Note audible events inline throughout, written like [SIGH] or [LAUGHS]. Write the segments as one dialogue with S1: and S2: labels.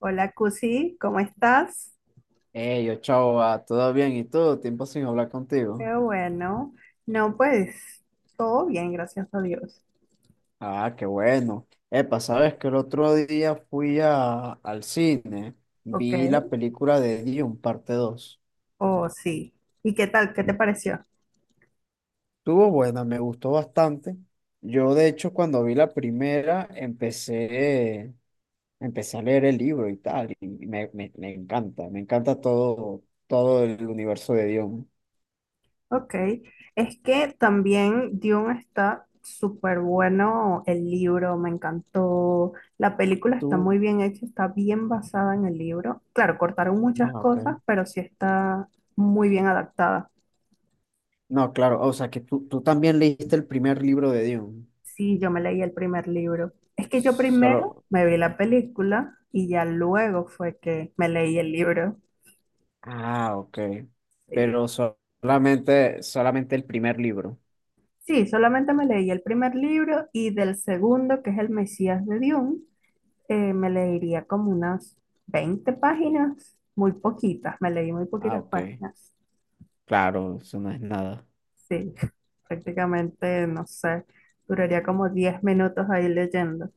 S1: Hola, Cusi, ¿cómo estás?
S2: Hey, yo, chao, va, ¿todo bien? ¿Y tú? Tiempo sin hablar contigo.
S1: Qué bueno. No, pues todo bien, gracias a Dios.
S2: Ah, qué bueno. Epa, sabes que el otro día fui al cine,
S1: Ok,
S2: vi la película de Dune, parte 2.
S1: oh sí. ¿Y qué tal? ¿Qué te pareció?
S2: Estuvo buena, me gustó bastante. Yo, de hecho, cuando vi la primera, empecé a leer el libro y tal, y me encanta todo el universo de Dune.
S1: Ok, es que también Dune está súper bueno, el libro me encantó, la película está
S2: Tú,
S1: muy bien hecha, está bien basada en el libro. Claro, cortaron muchas
S2: ah, ok.
S1: cosas, pero sí está muy bien adaptada.
S2: No, claro, o sea que tú también leíste el primer libro de Dune.
S1: Sí, yo me leí el primer libro. Es que yo primero
S2: Solo.
S1: me vi la película y ya luego fue que me leí el libro.
S2: Ah, ok.
S1: Sí,
S2: Pero solamente el primer libro.
S1: sí, solamente me leí el primer libro y del segundo, que es El Mesías de Dune, me leería como unas 20 páginas, muy poquitas, me leí muy
S2: Ah,
S1: poquitas
S2: ok.
S1: páginas.
S2: Claro, eso no es nada.
S1: Sí, [LAUGHS] prácticamente, no sé, duraría como 10 minutos ahí leyendo,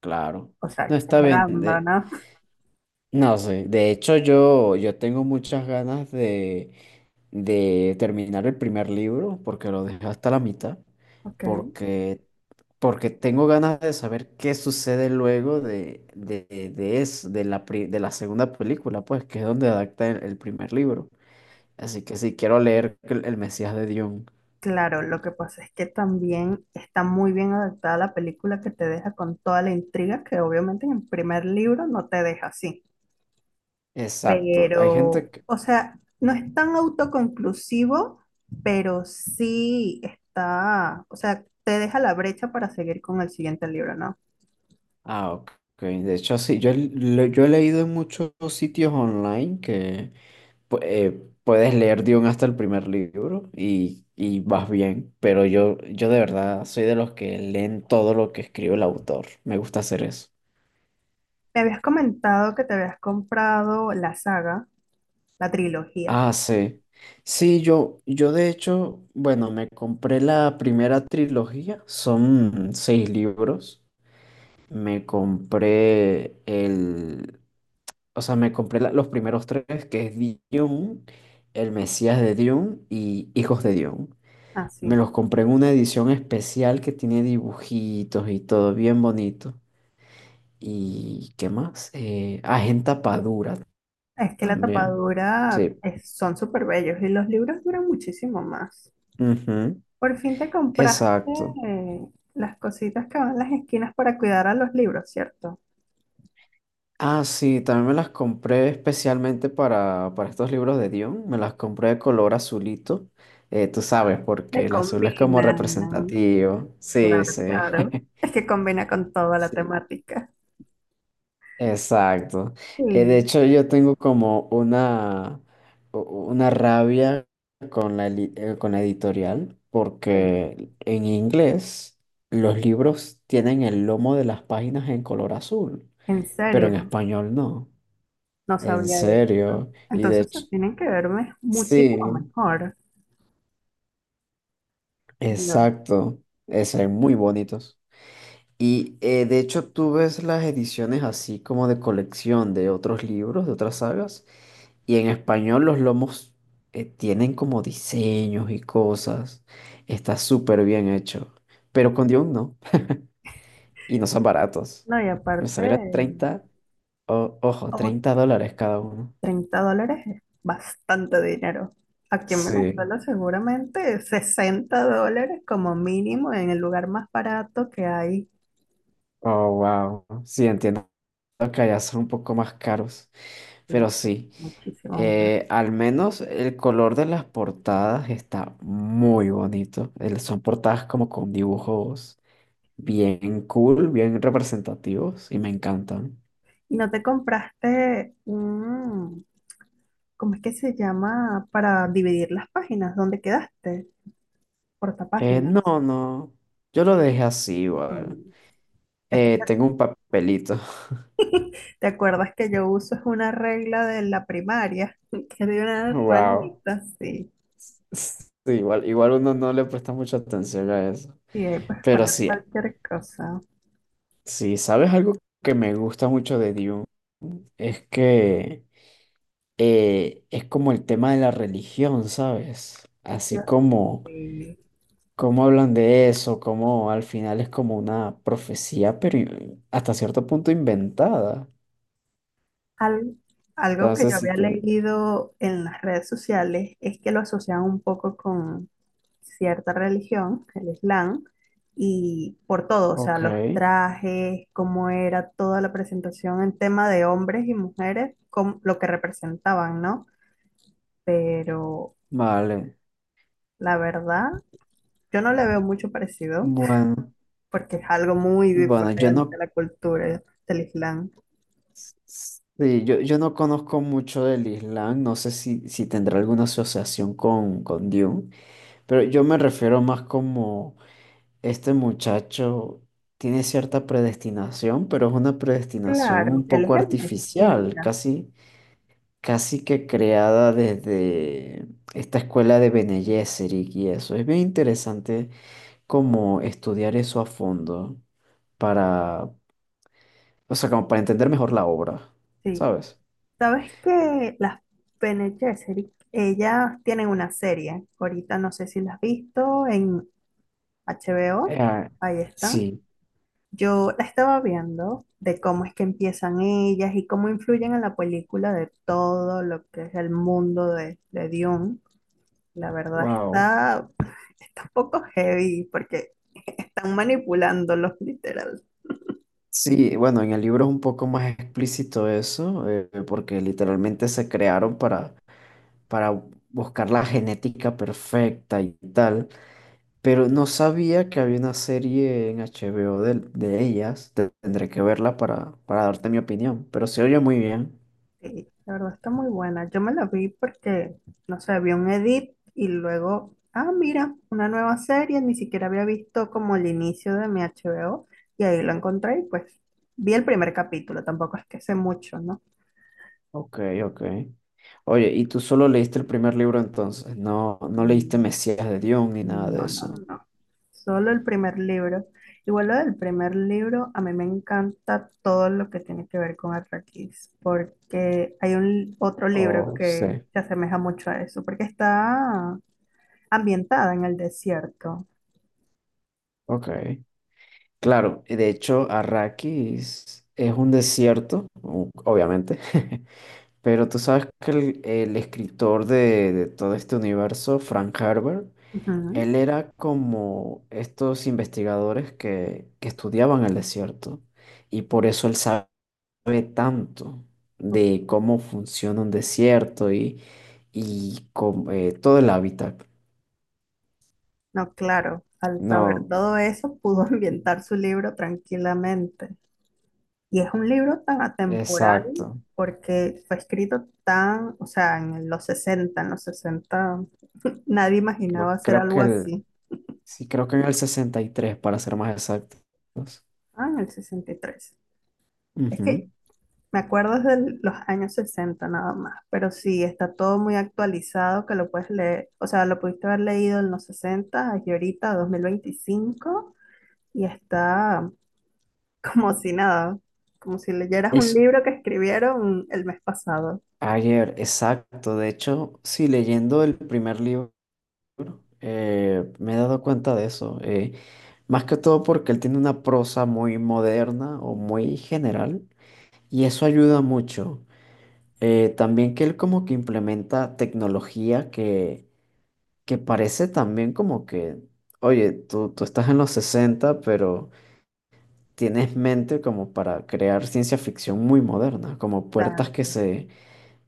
S2: Claro.
S1: o sea,
S2: No está
S1: exagerando, ¿no?
S2: No sé. De hecho, yo tengo muchas ganas de terminar el primer libro porque lo dejé hasta la mitad.
S1: [LAUGHS] Ok.
S2: Porque, porque tengo ganas de saber qué sucede luego de de la segunda película, pues, que es donde adapta el primer libro. Así que sí, quiero leer el Mesías de Dune.
S1: Claro, lo que pasa es que también está muy bien adaptada la película que te deja con toda la intriga que obviamente en el primer libro no te deja así.
S2: Exacto. Hay gente
S1: Pero,
S2: que...
S1: o sea, no es tan autoconclusivo, pero sí está, o sea, te deja la brecha para seguir con el siguiente libro, ¿no?
S2: Ah, ok. De hecho, sí, yo he leído en muchos sitios online que puedes leer Dune hasta el primer libro y vas bien, pero yo de verdad soy de los que leen todo lo que escribe el autor. Me gusta hacer eso.
S1: Me habías comentado que te habías comprado la saga, la trilogía.
S2: Ah, sí. Sí, yo de hecho, bueno, me compré la primera trilogía, son seis libros. Me compré el, o sea, me compré la- los primeros tres, que es Dune, El Mesías de Dune y Hijos de Dune.
S1: Ah,
S2: Me
S1: sí.
S2: los compré en una edición especial que tiene dibujitos y todo bien bonito. ¿Y qué más? Es en tapa dura
S1: Es que la
S2: también.
S1: tapadura
S2: Sí,
S1: son súper bellos y los libros duran muchísimo más.
S2: ujú.
S1: Por fin te compraste
S2: Exacto.
S1: eh, las cositas que van en las esquinas para cuidar a los libros, ¿cierto?
S2: Ah, sí, también me las compré especialmente para estos libros de Dion. Me las compré de color azulito. Tú sabes, porque
S1: Le
S2: el azul es como
S1: combinan,
S2: representativo. Sí,
S1: claro,
S2: sí.
S1: claro.
S2: [LAUGHS]
S1: Es que combina con toda la
S2: Sí,
S1: temática.
S2: exacto. De
S1: Sí,
S2: hecho, yo tengo como u- una rabia con con la editorial,
S1: ok.
S2: porque en inglés los libros tienen el lomo de las páginas en color azul,
S1: En
S2: pero en
S1: serio,
S2: español no.
S1: no
S2: En
S1: sabía eso.
S2: serio, y de
S1: Entonces se
S2: hecho,
S1: tienen que verme muchísimo
S2: sí,
S1: mejor. No,
S2: exacto, se ven muy bonitos. De hecho tú ves las ediciones así como de colección de otros libros, de otras sagas, y en español los lomos tienen como diseños y cosas, está súper bien hecho, pero con Dune no, y no son baratos,
S1: no, y
S2: me
S1: aparte,
S2: salieron 30. O- ojo, 30 dólares cada uno.
S1: treinta dólares es bastante dinero. Aquí en
S2: Sí,
S1: Venezuela seguramente $60 como mínimo en el lugar más barato que hay.
S2: oh, wow, sí, entiendo que allá son un poco más caros. Pero
S1: Y
S2: sí,
S1: muchísimo más.
S2: al menos el color de las portadas está muy bonito. El- son portadas como con dibujos bien cool, bien representativos y me encantan.
S1: ¿Y no te compraste un? ¿Cómo es que se llama? Para dividir las páginas. ¿Dónde quedaste? Portapáginas.
S2: No, yo lo dejé así igual.
S1: Mm. [LAUGHS]
S2: Tengo un papelito. [LAUGHS]
S1: ¿Te acuerdas que yo uso es una regla de la primaria? [LAUGHS] Que de una
S2: Wow.
S1: ranita, sí.
S2: Sí, igual, igual uno no le presta mucha atención a eso.
S1: Y ahí puedes
S2: Pero
S1: poner
S2: sí,
S1: cualquier cosa.
S2: sí, ¿sabes algo que me gusta mucho de Dune? Es que... es como el tema de la religión, ¿sabes?
S1: Yo
S2: Así como,
S1: sí.
S2: cómo hablan de eso, como al final es como una profecía, pero hasta cierto punto inventada.
S1: Al- algo que yo
S2: Entonces, si
S1: había
S2: te...
S1: leído en las redes sociales es que lo asocian un poco con cierta religión, el Islam, y por todo, o sea,
S2: Ok,
S1: los trajes, cómo era toda la presentación en tema de hombres y mujeres, lo que representaban, ¿no? Pero
S2: vale.
S1: la verdad, yo no le veo mucho parecido
S2: Bueno,
S1: porque es algo muy
S2: bueno, yo
S1: diferente
S2: no...
S1: a la cultura del Islam.
S2: Sí, yo no conozco mucho del Islam, no sé si tendrá alguna asociación con Dune, pero yo me refiero más como este muchacho tiene cierta predestinación, pero es una predestinación
S1: Claro,
S2: un
S1: él
S2: poco
S1: es el
S2: artificial,
S1: Mesías,
S2: casi, casi que creada desde esta escuela de Bene Gesserit y eso. Es bien interesante como estudiar eso a fondo para, o sea, como para entender mejor la obra,
S1: sí.
S2: ¿sabes?
S1: Sabes que las Bene Gesserit, ellas tienen una serie. Ahorita no sé si las has visto en HBO.
S2: Eh,
S1: Ahí están.
S2: sí,
S1: Yo la estaba viendo de cómo es que empiezan ellas y cómo influyen en la película de todo lo que es el mundo de Dune. La verdad
S2: wow.
S1: está un poco heavy porque están manipulándolos [LAUGHS] literal.
S2: Sí, bueno, en el libro es un poco más explícito eso, porque literalmente se crearon para buscar la genética perfecta y tal, pero no sabía que había una serie en HBO de ellas. Tendré que verla para darte mi opinión, pero se oye muy bien.
S1: Sí, la verdad está muy buena. Yo me la vi porque, no sé, vi un edit y luego, ah, mira, una nueva serie, ni siquiera había visto como el inicio de mi HBO y ahí lo encontré y pues vi el primer capítulo, tampoco es que sé mucho, ¿no?
S2: Ok, ok. Oye, ¿y tú solo leíste el primer libro entonces? No, no
S1: Y
S2: leíste Mesías de Dion ni nada de
S1: no, no,
S2: eso.
S1: no, solo el primer libro. Igual lo del primer libro, a mí me encanta todo lo que tiene que ver con Arrakis, porque hay un otro libro
S2: Oh, sí.
S1: que se asemeja mucho a eso, porque está ambientada en el desierto.
S2: Ok. Claro, y de hecho, Arrakis es un desierto, obviamente. [LAUGHS] Pero tú sabes que el escritor de todo este universo, Frank Herbert,
S1: Ujú.
S2: él era como estos investigadores que estudiaban el desierto. Y por eso él sabe tanto de cómo funciona un desierto y cómo, todo el hábitat.
S1: No, claro, al saber
S2: No,
S1: todo eso pudo [LAUGHS] ambientar su libro tranquilamente. Y es un libro tan atemporal
S2: exacto.
S1: porque fue escrito tan, o sea, en los 60 nadie imaginaba hacer
S2: Creo que
S1: algo así.
S2: creo que en el 63 para ser más exactos.
S1: Ah, en el 63. Es
S2: Ujú.
S1: que me acuerdo de los años 60 nada más, pero sí, está todo muy actualizado que lo puedes leer, o sea, lo pudiste haber leído en los 60 y ahorita 2025. Y está como si nada, como si leyeras un
S2: Es,
S1: libro que escribieron el mes pasado.
S2: Ayer, exacto. De hecho, sí, leyendo el primer libro, me he dado cuenta de eso. Más que todo porque él tiene una prosa muy moderna o muy general, y eso ayuda mucho. También que él como que implementa tecnología que parece también como que, oye, tú estás en los 60 pero tienes mente como para crear ciencia ficción muy moderna, como
S1: La-
S2: puertas que se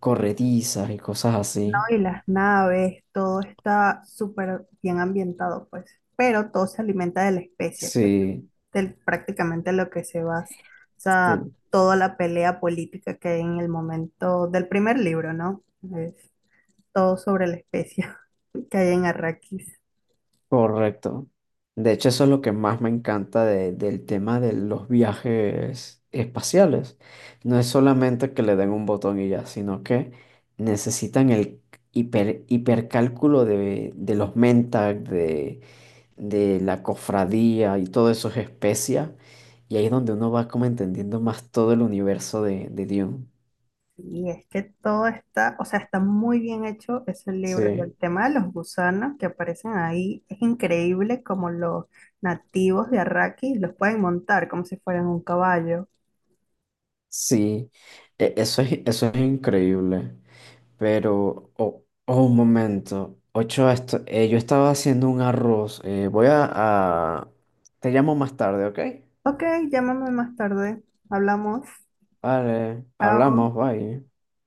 S2: corredizan y cosas
S1: no,
S2: así.
S1: y las naves, todo está súper bien ambientado, pues. Pero todo se alimenta de la especie, que es
S2: Sí,
S1: prácticamente lo que se basa, o sea,
S2: sí,
S1: toda la pelea política que hay en el momento del primer libro, ¿no? Es todo sobre la especie [LAUGHS] que hay en Arrakis.
S2: correcto. De hecho, eso es lo que más me encanta de- del tema de los viajes espaciales. No es solamente que le den un botón y ya, sino que necesitan el hiper, hipercálculo de los Mentag, de la cofradía y todo eso es especia. Y ahí es donde uno va como entendiendo más todo el universo de Dune.
S1: Y es que todo está, o sea, está muy bien hecho ese libro y el
S2: Sí,
S1: tema de los gusanos que aparecen ahí es increíble como los nativos de Arrakis los pueden montar como si fueran un caballo.
S2: sí. Eso es increíble. Pero, oh, oh, un momento. Ocho, esto, yo estaba haciendo un arroz. A- Te llamo más tarde, ¿ok?
S1: Ok, llámame más tarde. Hablamos.
S2: Vale,
S1: Chao.
S2: hablamos, bye.